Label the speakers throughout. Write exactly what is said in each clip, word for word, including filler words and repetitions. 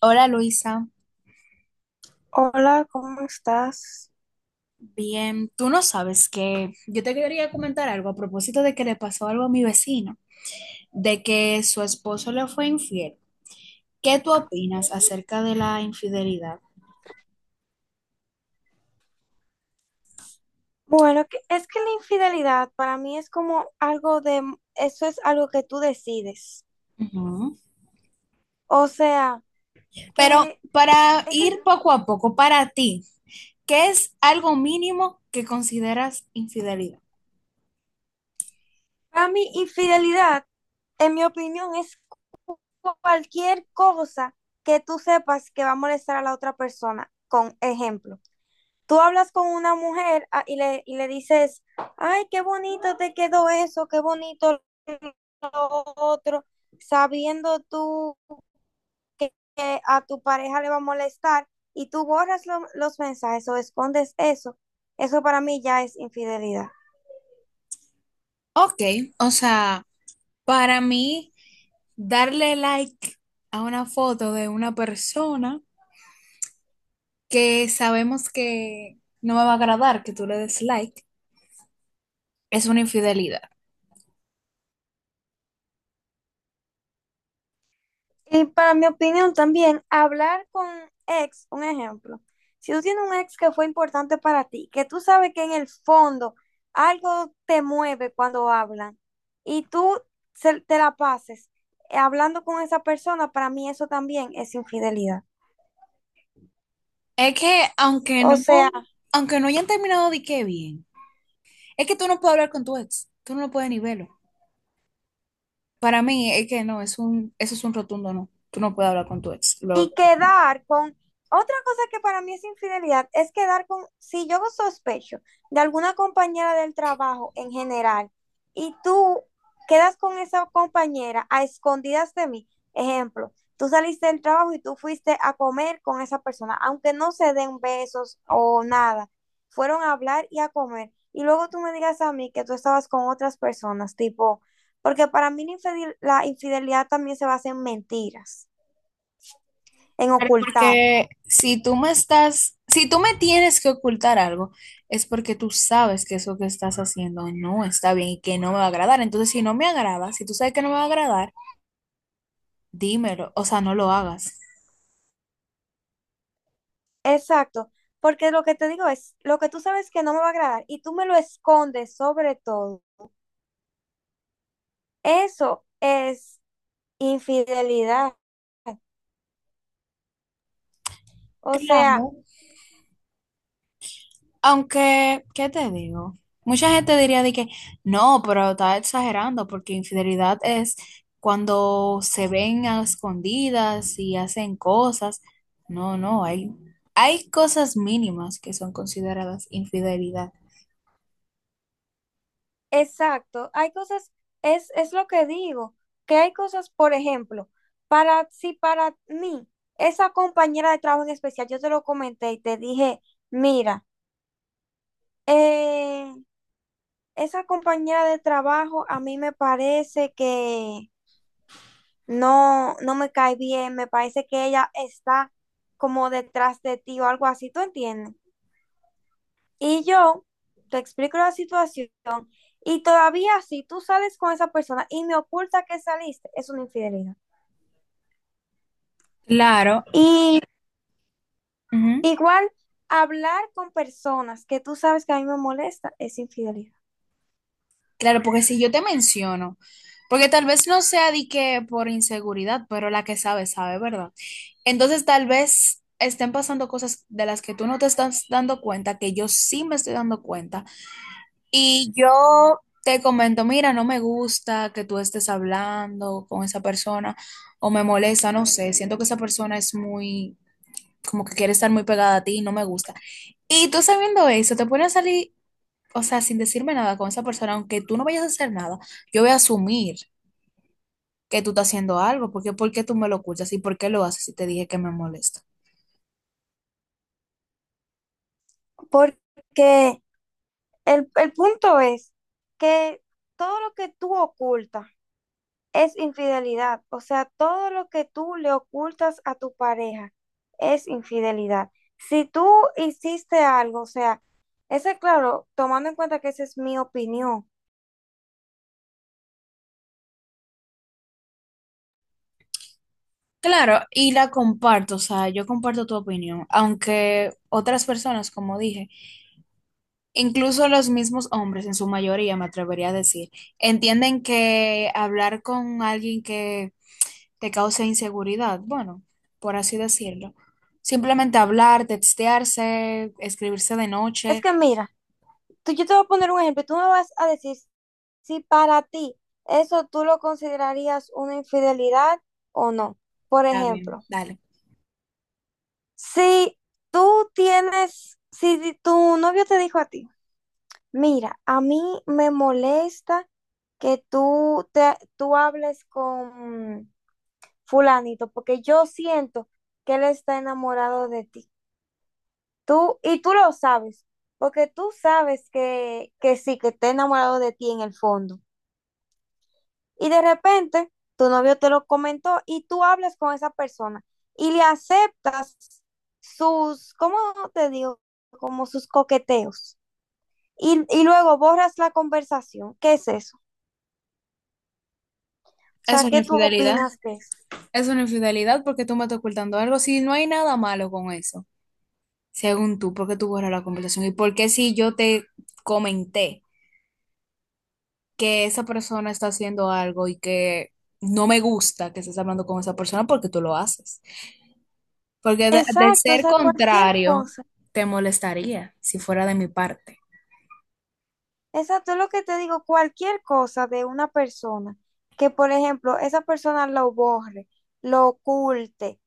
Speaker 1: Hola Luisa,
Speaker 2: Hola, ¿cómo estás?
Speaker 1: bien. Tú no sabes, que yo te quería comentar algo a propósito de que le pasó algo a mi vecino, de que su esposo le fue infiel. ¿Qué tú opinas acerca de la infidelidad?
Speaker 2: Bueno, que- es que la infidelidad para mí es como algo de, eso es algo que tú decides.
Speaker 1: Ujú.
Speaker 2: O sea,
Speaker 1: Pero
Speaker 2: que
Speaker 1: para
Speaker 2: es que
Speaker 1: ir poco a poco, para ti, ¿qué es algo mínimo que consideras infidelidad?
Speaker 2: para mí infidelidad, en mi opinión, es cualquier cosa que tú sepas que va a molestar a la otra persona. Con ejemplo, tú hablas con una mujer ah, y le, y le dices, ay, qué bonito te quedó eso, qué bonito lo otro, sabiendo tú. Que, a tu pareja le va a molestar y tú borras lo- los mensajes o escondes eso, eso para mí ya es infidelidad.
Speaker 1: Ok, o sea, para mí, darle like a una foto de una persona, que sabemos que no me va a agradar que tú le des like, es una infidelidad.
Speaker 2: Y para mi opinión también, hablar con ex, un ejemplo, si tú tienes un ex que fue importante para ti, que tú sabes que en el fondo algo te mueve cuando hablan y tú se- te la pases eh, hablando con esa persona, para mí eso también es infidelidad.
Speaker 1: Es que aunque
Speaker 2: O
Speaker 1: no,
Speaker 2: sea,
Speaker 1: aunque no hayan terminado de qué bien, es que tú no puedes hablar con tu ex, tú no lo puedes ni verlo. Para mí es que no, es un, eso es un rotundo no. Tú no puedes hablar con tu ex. lo-
Speaker 2: y quedar con, otra cosa que para mí es infidelidad, es quedar con, si yo sospecho de alguna compañera del trabajo en general y tú quedas con esa compañera a escondidas de mí, ejemplo, tú saliste del trabajo y tú fuiste a comer con esa persona, aunque no se den besos o nada, fueron a hablar y a comer. Y luego tú me digas a mí que tú estabas con otras personas, tipo, porque para mí la infidel- la infidelidad también se basa en mentiras, en
Speaker 1: Pero
Speaker 2: ocultar.
Speaker 1: porque si tú me estás, si tú me tienes que ocultar algo, es porque tú sabes que eso que estás haciendo no está bien y que no me va a agradar. Entonces, si no me agrada, si tú sabes que no me va a agradar, dímelo, o sea, no lo hagas.
Speaker 2: Exacto, porque lo que te digo es, lo que tú sabes que no me va a agradar y tú me lo escondes sobre todo, eso es infidelidad. O sea...
Speaker 1: Claro, aunque, ¿qué te digo? Mucha gente diría de que no, pero está exagerando porque infidelidad es cuando se ven a escondidas y hacen cosas. No, no, hay, hay cosas mínimas que son consideradas infidelidad.
Speaker 2: Exacto, hay cosas, es, es lo que digo, que hay cosas, por ejemplo, para, si para mí, esa compañera de trabajo en especial, yo te lo comenté y te dije, mira, eh, esa compañera de trabajo a mí me parece que no, no me cae bien, me parece que ella está como detrás de ti o algo así, ¿tú entiendes? Y yo te explico la situación y todavía si tú sales con esa persona y me oculta que saliste, es una infidelidad.
Speaker 1: Claro.
Speaker 2: Y igual hablar con personas que tú sabes que a mí me molesta es infidelidad.
Speaker 1: Claro, porque si yo te menciono, porque tal vez no sea de que por inseguridad, pero la que sabe, sabe, ¿verdad? Entonces tal vez estén pasando cosas de las que tú no te estás dando cuenta, que yo sí me estoy dando cuenta. Y yo te comento, mira, no me gusta que tú estés hablando con esa persona o me molesta, no sé, siento que esa persona es muy, como que quiere estar muy pegada a ti y no me gusta. Y tú sabiendo eso, te pones a salir, o sea, sin decirme nada con esa persona, aunque tú no vayas a hacer nada, yo voy a asumir que tú estás haciendo algo, porque ¿por qué tú me lo ocultas y por qué lo haces si te dije que me molesta?
Speaker 2: Porque el, el punto es que todo lo que tú ocultas es infidelidad. O sea, todo lo que tú le ocultas a tu pareja es infidelidad. Si tú hiciste algo, o sea, ese claro, tomando en cuenta que esa es mi opinión.
Speaker 1: Claro, y la comparto, o sea, yo comparto tu opinión, aunque otras personas, como dije, incluso los mismos hombres, en su mayoría, me atrevería a decir, entienden que hablar con alguien que te cause inseguridad, bueno, por así decirlo, simplemente hablar, textearse, escribirse de
Speaker 2: Es
Speaker 1: noche,
Speaker 2: que mira, tú, yo te voy a poner un ejemplo, tú me vas a decir si para ti eso tú lo considerarías una infidelidad o no. Por
Speaker 1: está
Speaker 2: ejemplo,
Speaker 1: bien, dale.
Speaker 2: si tú tienes, si tu novio te dijo a ti, mira, a mí me molesta que tú, te, tú hables con fulanito, porque yo siento que él está enamorado de ti. Tú, y tú lo sabes, porque tú sabes que, que sí, que está enamorado de ti en el fondo. Y de repente tu novio te lo comentó y tú hablas con esa persona y le aceptas sus, ¿cómo te digo? Como sus coqueteos. Y, y luego borras la conversación. ¿Qué es eso? O
Speaker 1: Es
Speaker 2: sea,
Speaker 1: una
Speaker 2: ¿qué tú
Speaker 1: infidelidad.
Speaker 2: opinas de eso?
Speaker 1: Es una infidelidad porque tú me estás ocultando algo. Si no hay nada malo con eso, según tú, ¿por qué tú borras la conversación? ¿Y por qué si yo te comenté que esa persona está haciendo algo y que no me gusta que estés hablando con esa persona porque tú lo haces? Porque de, de
Speaker 2: Exacto, o
Speaker 1: ser
Speaker 2: sea, cualquier
Speaker 1: contrario,
Speaker 2: cosa.
Speaker 1: te molestaría si fuera de mi parte.
Speaker 2: Exacto, es lo que te digo, cualquier cosa de una persona, que por ejemplo, esa persona lo borre, lo oculte,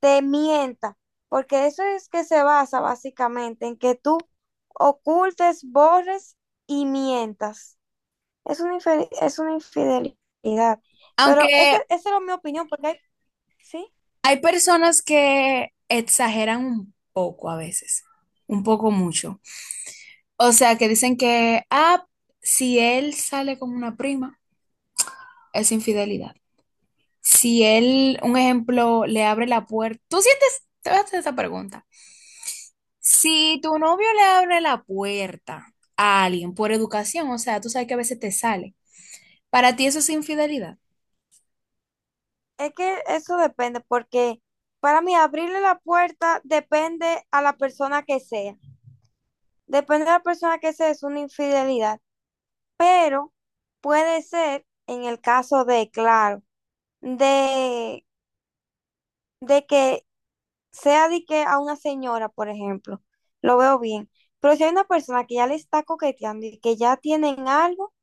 Speaker 2: te mienta, porque eso es que se basa básicamente en que tú ocultes, borres y mientas. Es una, infe- es una infidelidad.
Speaker 1: Aunque
Speaker 2: Pero ese- esa es mi opinión, porque hay, ¿sí?
Speaker 1: hay personas que exageran un poco a veces, un poco mucho. O sea, que dicen que, ah, si él sale con una prima, es infidelidad. Si él, un ejemplo, le abre la puerta, tú sientes, te voy a hacer esa pregunta. Si tu novio le abre la puerta a alguien por educación, o sea, tú sabes que a veces te sale, para ti eso es infidelidad.
Speaker 2: Es que eso depende, porque para mí abrirle la puerta depende a la persona que sea. Depende de la persona que sea, es una infidelidad. Pero puede ser, en el caso de, claro, de, de que sea de que a una señora, por ejemplo, lo veo bien. Pero si hay una persona que ya le está coqueteando y que ya tienen algo,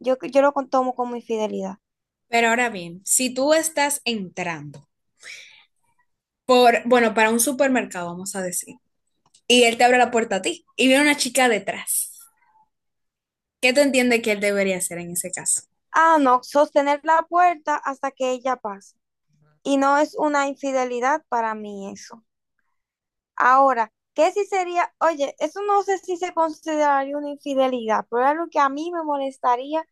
Speaker 2: yo, yo lo con- tomo como infidelidad.
Speaker 1: Pero ahora bien, si tú estás entrando por, bueno, para un supermercado, vamos a decir. Y él te abre la puerta a ti y viene una chica detrás. ¿Qué te entiende que él debería hacer en ese caso?
Speaker 2: Ah, no, sostener la puerta hasta que ella pase. Y no es una infidelidad para mí eso. Ahora, ¿qué si sería? Oye, eso no sé si se consideraría una infidelidad, pero es algo que a mí me molestaría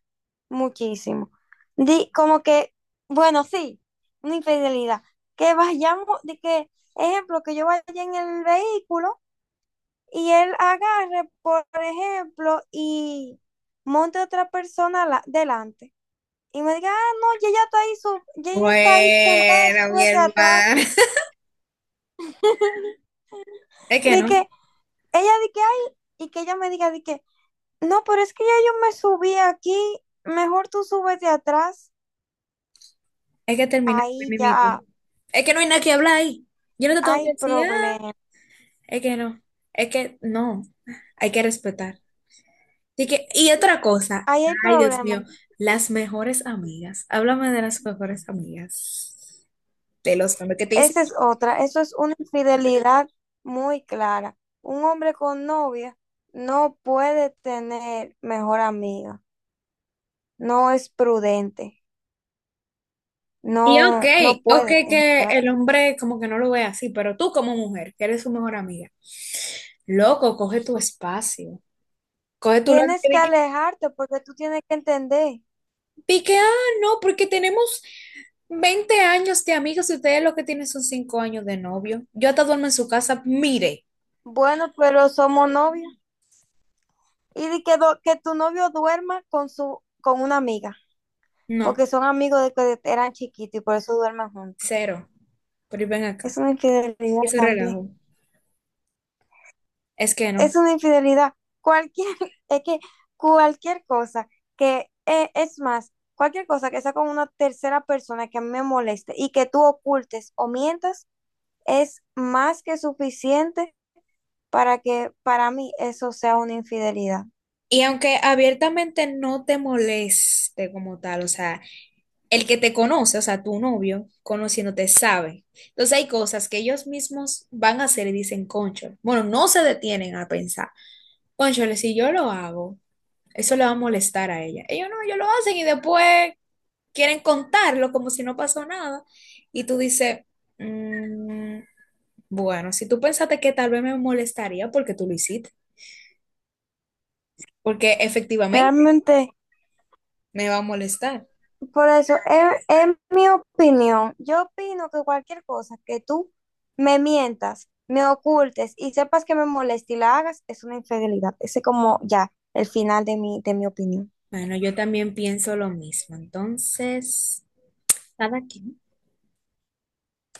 Speaker 2: muchísimo. Di, como que, bueno, sí, una infidelidad. Que vayamos, de que, ejemplo, que yo vaya en el vehículo y él agarre, por ejemplo, y monte a otra persona la- delante. Y me diga, ah, no, ya ella está ahí, su- ya ella está ahí sentada,
Speaker 1: Bueno, mi
Speaker 2: súbete atrás.
Speaker 1: hermano. Es que
Speaker 2: De
Speaker 1: no,
Speaker 2: que ella di que, ay, y que ella me diga, de que, no, pero es que ya yo me subí aquí, mejor tú súbete atrás.
Speaker 1: es que termina con el
Speaker 2: Ahí
Speaker 1: mimito.
Speaker 2: ya
Speaker 1: Es que no hay nada que hablar ahí. Yo no te tengo que
Speaker 2: hay
Speaker 1: decir, ah,
Speaker 2: problema,
Speaker 1: es que no, es que no, hay que respetar. Así que, y otra cosa,
Speaker 2: ahí hay
Speaker 1: ay Dios
Speaker 2: problema.
Speaker 1: mío, las mejores amigas. Háblame de las mejores amigas. De los hombres que te dicen,
Speaker 2: Esa es otra, eso es una infidelidad muy clara. Un hombre con novia no puede tener mejor amiga, no es prudente,
Speaker 1: y ok,
Speaker 2: no, no
Speaker 1: ok
Speaker 2: puede en
Speaker 1: que el hombre como que no lo ve así, pero tú como mujer, que eres su mejor amiga, loco, coge tu espacio, coge tu lado,
Speaker 2: tienes
Speaker 1: que
Speaker 2: que
Speaker 1: di que,
Speaker 2: alejarte porque tú tienes que entender.
Speaker 1: di que, ah, no, porque tenemos veinte años de amigos y ustedes lo que tienen son cinco años de novio. Yo hasta duermo en su casa, mire,
Speaker 2: Bueno, pero somos novios. Y di que, do- que tu novio duerma con su con una amiga,
Speaker 1: no,
Speaker 2: porque son amigos de que eran chiquitos y por eso duermen juntos.
Speaker 1: cero, pero ven
Speaker 2: Es
Speaker 1: acá,
Speaker 2: una infidelidad
Speaker 1: ese
Speaker 2: también.
Speaker 1: relajo, es que no.
Speaker 2: Es una infidelidad. Cualquier, es que cualquier cosa que, eh, es más, cualquier cosa que sea con una tercera persona que a mí me moleste y que tú ocultes o mientas, es más que suficiente para que para mí eso sea una infidelidad.
Speaker 1: Y aunque abiertamente no te moleste como tal, o sea, el que te conoce, o sea, tu novio, conociéndote sabe. Entonces hay cosas que ellos mismos van a hacer y dicen, concho, bueno, no se detienen a pensar, concho, si yo lo hago, eso le va a molestar a ella. Ellos no, ellos lo hacen y después quieren contarlo como si no pasó nada. Y tú dices, "Mm, bueno, si tú pensaste que tal vez me molestaría porque tú lo hiciste, porque efectivamente
Speaker 2: Realmente,
Speaker 1: me va a molestar".
Speaker 2: por eso, en en mi opinión. Yo opino que cualquier cosa que tú me mientas, me ocultes y sepas que me molesta y la hagas, es una infidelidad. Ese es como ya el final de mi, de mi opinión.
Speaker 1: Bueno, yo también pienso lo mismo. Entonces, cada quien.